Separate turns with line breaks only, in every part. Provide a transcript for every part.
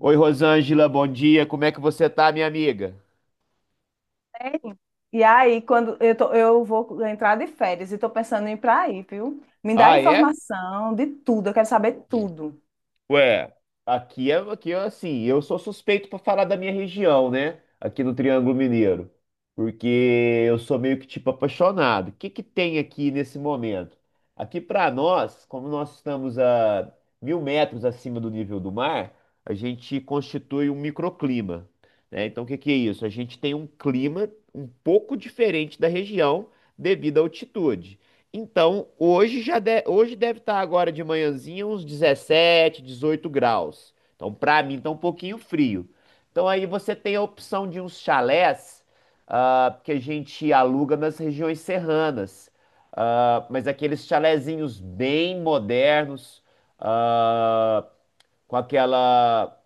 Oi, Rosângela, bom dia. Como é que você tá, minha amiga?
Sério? E aí, eu vou entrar de férias e tô pensando em ir para aí, viu? Me dá
Ah, é?
informação de tudo, eu quero saber tudo.
Ué, Aqui é assim, eu sou suspeito para falar da minha região, né? Aqui no Triângulo Mineiro, porque eu sou meio que tipo apaixonado. O que que tem aqui nesse momento? Aqui para nós, como nós estamos a 1.000 metros acima do nível do mar, a gente constitui um microclima, né? Então, o que que é isso? A gente tem um clima um pouco diferente da região devido à altitude. Então, hoje deve estar agora de manhãzinha uns 17, 18 graus. Então, para mim, tá um pouquinho frio. Então, aí você tem a opção de uns chalés, que a gente aluga nas regiões serranas. Ah, mas aqueles chalezinhos bem modernos, ah, com aquela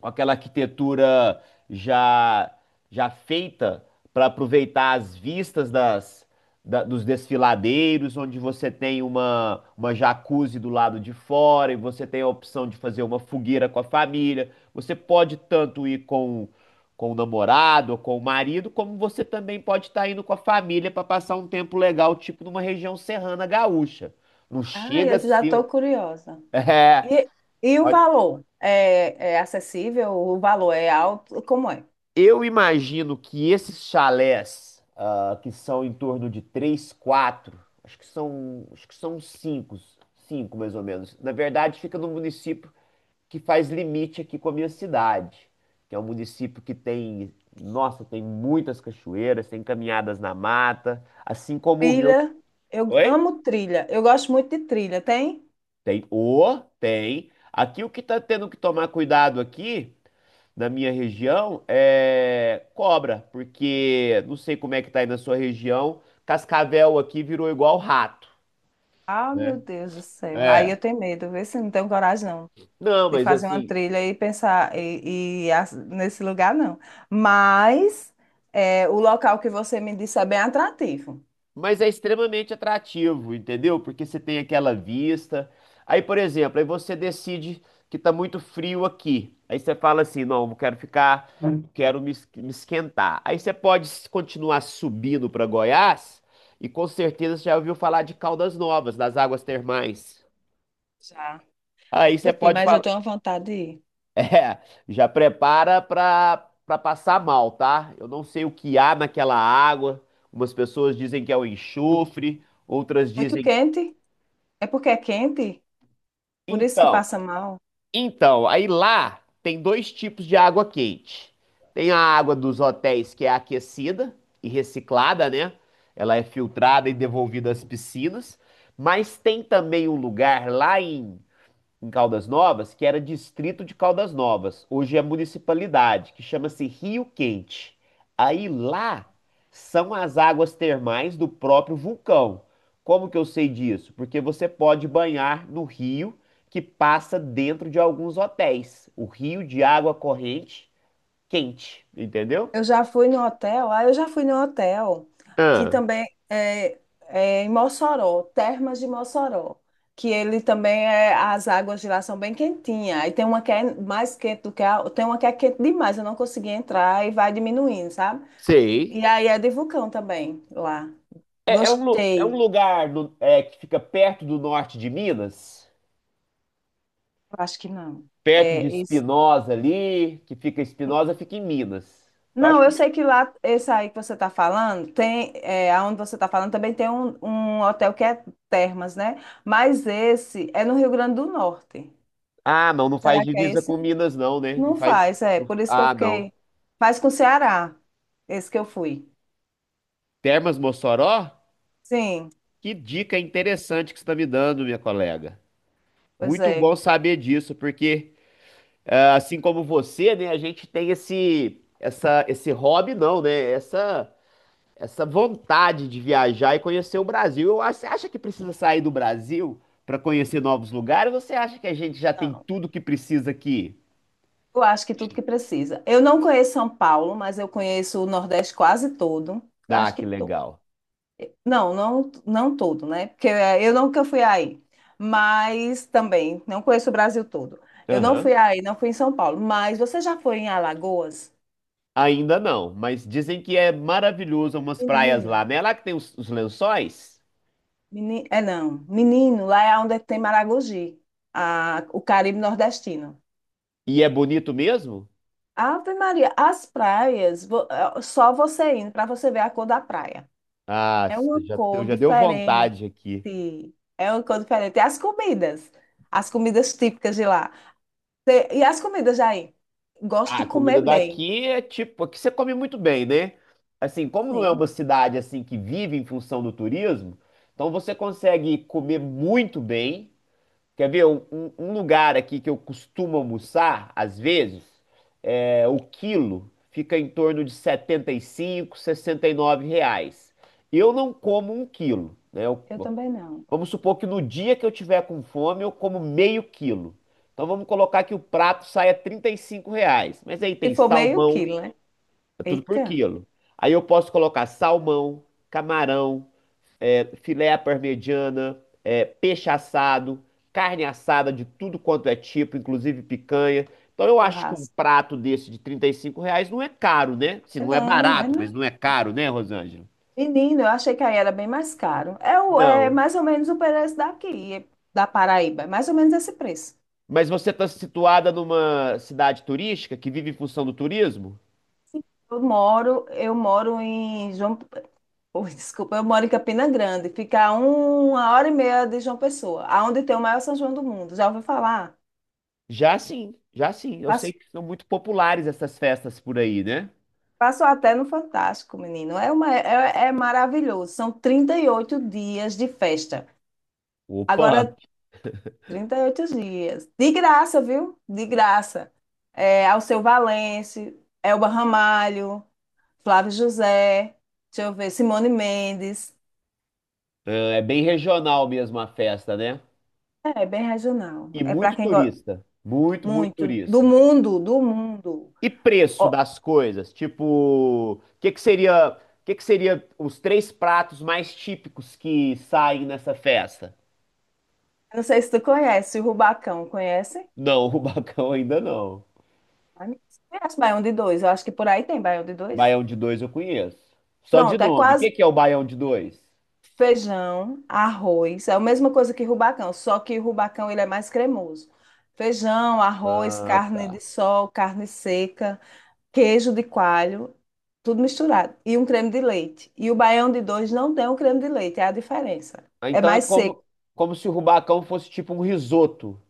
com aquela arquitetura já já feita para aproveitar as vistas dos desfiladeiros, onde você tem uma jacuzzi do lado de fora e você tem a opção de fazer uma fogueira com a família. Você pode tanto ir com o namorado ou com o marido, como você também pode estar indo com a família para passar um tempo legal, tipo numa região serrana gaúcha. Não
Ah,
chega a
eu já
ser.
estou curiosa.
É,
E, e o valor? É acessível? O valor é alto? Como é?
eu imagino que esses chalés, que são em torno de três, quatro, acho que são cinco mais ou menos. Na verdade, fica no município que faz limite aqui com a minha cidade, que é um município que tem, nossa, tem muitas cachoeiras, tem caminhadas na mata, assim como o meu.
Trilha, eu
Oi?
amo trilha, eu gosto muito de trilha, tem?
Tem. Aqui o que tá tendo que tomar cuidado aqui da minha região é cobra, porque não sei como é que tá aí na sua região, cascavel aqui virou igual rato,
Ah,
né?
meu Deus do céu.
É.
Aí eu
Ai,
tenho medo, vê se não tenho coragem, não.
não,
De
mas
fazer uma
assim,
trilha e pensar nesse lugar não. Mas é, o local que você me disse é bem atrativo.
mas é extremamente atrativo, entendeu? Porque você tem aquela vista. Aí, por exemplo, aí você decide que tá muito frio aqui. Aí você fala assim, não, eu quero ficar, quero me esquentar. Aí você pode continuar subindo para Goiás e com certeza você já ouviu falar de Caldas Novas, das águas termais.
Já. Eu
Aí você
nunca fui,
pode
mas eu
falar.
tenho vontade de ir.
É, já prepara pra passar mal, tá? Eu não sei o que há naquela água. Umas pessoas dizem que é o enxofre, outras
Muito
dizem que.
quente? É porque é quente? Por isso que
Então,
passa mal?
então, aí lá tem dois tipos de água quente. Tem a água dos hotéis que é aquecida e reciclada, né? Ela é filtrada e devolvida às piscinas. Mas tem também um lugar lá em Caldas Novas, que era distrito de Caldas Novas. Hoje é municipalidade, que chama-se Rio Quente. Aí lá são as águas termais do próprio vulcão. Como que eu sei disso? Porque você pode banhar no rio que passa dentro de alguns hotéis. O rio de água corrente quente, entendeu?
Eu já fui no hotel, que
Ah,
também é, em Mossoró, Termas de Mossoró, que ele também é, as águas de lá são bem quentinhas, e tem uma que é mais quente tem uma que é quente demais, eu não consegui entrar e vai diminuindo, sabe?
sei.
E aí é de vulcão também lá.
É, é um, lu- é um
Gostei.
lugar no- é, que fica perto do norte de Minas.
Eu acho que não.
Perto de
É.
Espinosa ali, que fica Espinosa, fica em Minas. Eu acho
Não,
que.
eu sei que lá, esse aí que você está falando, tem, aonde você está falando também tem um hotel que é Termas, né? Mas esse é no Rio Grande do Norte.
Ah, não, não faz
Será que é
divisa
esse?
com Minas, não, né? Não
Não
faz.
faz, é. Por isso que eu
Ah, não.
fiquei. Faz com o Ceará, esse que eu fui.
Termas Mossoró?
Sim,
Que dica interessante que você está me dando, minha colega.
pois
Muito bom
é.
saber disso, porque assim como você, né, a gente tem esse hobby, não, né? Essa vontade de viajar e conhecer o Brasil. Você acha que precisa sair do Brasil para conhecer novos lugares? Ou você acha que a gente já tem
Não,
tudo que precisa aqui?
eu acho que tudo que precisa. Eu não conheço São Paulo, mas eu conheço o Nordeste quase todo. Eu
Ah,
acho que
que
todo.
legal.
Não, não, não todo, né? Porque eu nunca fui aí, mas também não conheço o Brasil todo. Eu não
Aham.
fui aí, não fui em São Paulo, mas você já foi em Alagoas?
Ainda não, mas dizem que é maravilhoso umas praias lá,
Menino,
né? É lá que tem os lençóis.
menino, é não, menino, lá é onde tem Maragogi, o Caribe nordestino.
E é bonito mesmo?
Ave Maria, as praias, só você indo para você ver a cor da praia.
Ah,
É uma cor
já deu
diferente,
vontade aqui.
é uma cor diferente. E as comidas típicas de lá. E as comidas aí? Gosto
Ah,
de
a comida
comer bem.
daqui é tipo, aqui você come muito bem, né? Assim, como não é
Sim,
uma cidade assim que vive em função do turismo, então você consegue comer muito bem. Quer ver um lugar aqui que eu costumo almoçar, às vezes, o quilo fica em torno de 75, R$ 69. Eu não como um quilo, né?
eu também não.
Vamos supor que no dia que eu tiver com fome, eu como meio quilo. Então vamos colocar que o prato saia R$ 35. Mas aí
Se
tem
for meio
salmão,
quilo, né?
é tudo por
Eita,
quilo. Aí eu posso colocar salmão, camarão, filé à parmegiana, peixe assado, carne assada de tudo quanto é tipo, inclusive picanha. Então eu acho que um
churrasco.
prato desse de R$ 35 não é caro, né? Se
É
não é
não, é
barato,
não.
mas não é caro, né, Rosângela?
Menino, eu achei que aí era bem mais caro. É, é
Não.
mais ou menos o preço daqui, da Paraíba. É mais ou menos esse preço.
Mas você está situada numa cidade turística que vive em função do turismo?
Eu moro em João, ui, desculpa, eu moro em Campina Grande. Fica a 1h30 de João Pessoa, aonde tem o maior São João do mundo. Já ouviu falar?
Já sim, já sim. Eu sei
Passa
que são muito populares essas festas por aí, né?
Passou até no Fantástico, menino. É, é maravilhoso. São 38 dias de festa.
Opa,
Agora, 38 dias. De graça, viu? De graça. É, Alceu Valença, Elba Ramalho, Flávio José, deixa eu ver, Simone Mendes.
é bem regional mesmo a festa, né?
É, é bem regional.
E
É para
muito
quem gosta
turista. Muito, muito
muito. Do
turista.
mundo, do mundo.
E preço
Ó,
das coisas? Tipo, o que que seria, os três pratos mais típicos que saem nessa festa?
não sei se tu conhece o Rubacão. Conhece?
Não, o bacão ainda não.
Ah, Conhece Baião de Dois. Eu acho que por aí tem Baião de Dois.
Baião de dois eu conheço. Só de
Pronto, é
nome. O
quase.
que que é o baião de dois?
Feijão, arroz, é a mesma coisa que rubacão, só que o rubacão ele é mais cremoso. Feijão, arroz,
Ah,
carne
tá.
de sol, carne seca, queijo de coalho, tudo misturado. E um creme de leite. E o baião de dois não tem um creme de leite, é a diferença.
Ah,
É
então é
mais seco.
como se o rubacão fosse tipo um risoto.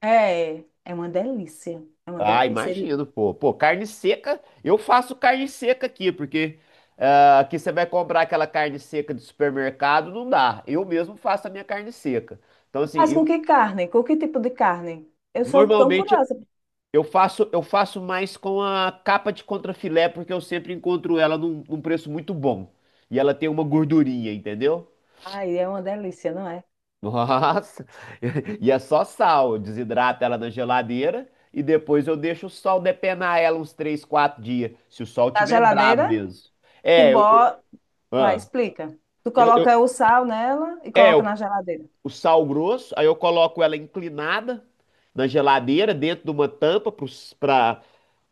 É, é uma delícia. É uma
Ah,
delícia. Ele
imagino, pô. Pô, carne seca, eu faço carne seca aqui, porque aqui você vai comprar aquela carne seca de supermercado, não dá. Eu mesmo faço a minha carne seca. Então, assim,
faz com
eu
que carne? Com que tipo de carne? Eu sou tão
normalmente
curiosa.
eu faço mais com a capa de contrafilé, porque eu sempre encontro ela num preço muito bom. E ela tem uma gordurinha, entendeu?
Ai, é uma delícia, não é?
Nossa! E é só sal. Eu desidrato ela na geladeira e depois eu deixo o sol depenar ela uns 3, 4 dias, se o sol
Na
tiver bravo
geladeira,
mesmo.
tu
É, eu,
bota. Ah,
ah,
explica. Tu coloca
eu-
o sal nela e
é
coloca
eu-
na geladeira.
O sal grosso, aí eu coloco ela inclinada na geladeira, dentro de uma tampa para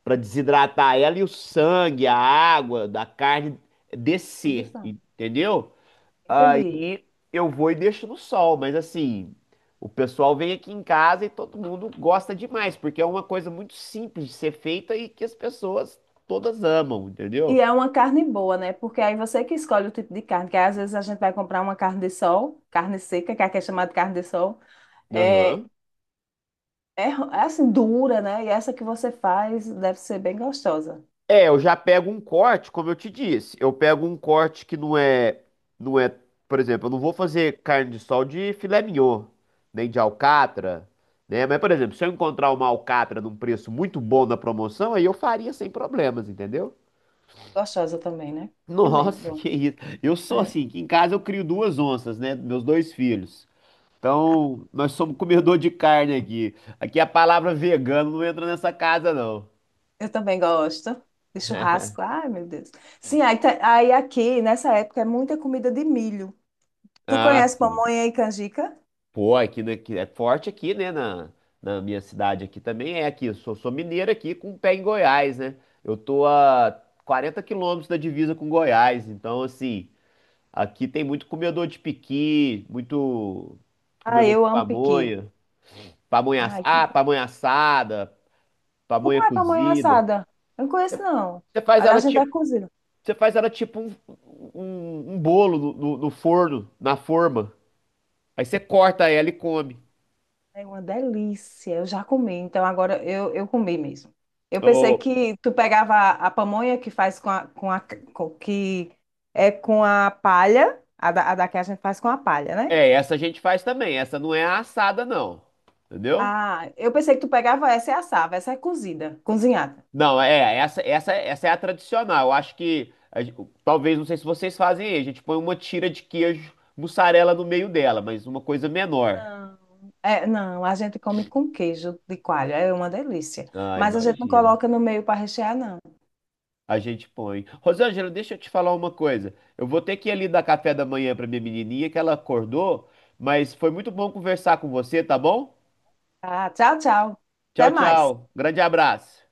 para desidratar ela e o sangue, a água da carne
Tudo
descer,
sal.
entendeu?
Entendi.
E eu vou e deixo no sol, mas assim, o pessoal vem aqui em casa e todo mundo gosta demais, porque é uma coisa muito simples de ser feita e que as pessoas todas amam, entendeu?
E é uma carne boa, né? Porque aí você que escolhe o tipo de carne, que às vezes a gente vai comprar uma carne de sol, carne seca, que aqui é chamada de carne de sol. É,
Aham.
é, assim, dura, né? E essa que você faz deve ser bem gostosa.
É, eu já pego um corte, como eu te disse, eu pego um corte que não é, por exemplo, eu não vou fazer carne de sol de filé mignon, nem de alcatra, né? Mas, por exemplo, se eu encontrar uma alcatra num preço muito bom na promoção, aí eu faria sem problemas, entendeu?
Gostosa também, né? Fica bem,
Nossa,
bom.
que isso. Eu sou
É.
assim, que em casa eu crio duas onças, né? Meus dois filhos. Então, nós somos comedor de carne aqui. Aqui a palavra vegano não entra nessa casa, não.
Eu também gosto de churrasco. Ai, meu Deus. Sim, aí aqui, nessa época, é muita comida de milho. Tu
Ah,
conhece
sim.
pamonha e canjica?
Pô, aqui, né, que é forte aqui, né? Na minha cidade aqui também é aqui. Eu sou mineiro aqui com pé em Goiás, né? Eu tô a 40 quilômetros da divisa com Goiás. Então, assim, aqui tem muito comedor de piqui, muito
Ah,
comedor
eu
de
amo piqui.
pamonha. Pamonha, ass-
Ai,
ah, pamonha assada,
como
pamonha
é pamonha
cozida.
assada? Eu não conheço, não.
Você faz
A da
ela
gente é
tipo,
cozida.
você faz ela tipo um bolo no forno, na forma. Aí você corta ela e come.
É uma delícia. Eu já comi, então agora eu comi mesmo. Eu pensei
Ô,
que tu pegava a pamonha que faz com a que é com a palha, a da que a gente faz com a palha, né?
essa a gente faz também. Essa não é a assada, não. Entendeu?
Ah, eu pensei que tu pegava essa e assava, essa é cozida, cozinhada.
Não, é, essa é a tradicional. Eu acho que, talvez, não sei se vocês fazem aí, a gente põe uma tira de queijo mussarela no meio dela, mas uma coisa menor.
Não. É, não, a gente come com queijo de coalho, é uma delícia.
Ah,
Mas a gente não
imagino.
coloca no meio para rechear, não.
A gente põe. Rosângela, deixa eu te falar uma coisa. Eu vou ter que ir ali dar café da manhã pra minha menininha, que ela acordou, mas foi muito bom conversar com você, tá bom?
Tá, tchau, tchau. Até
Tchau,
mais.
tchau. Grande abraço.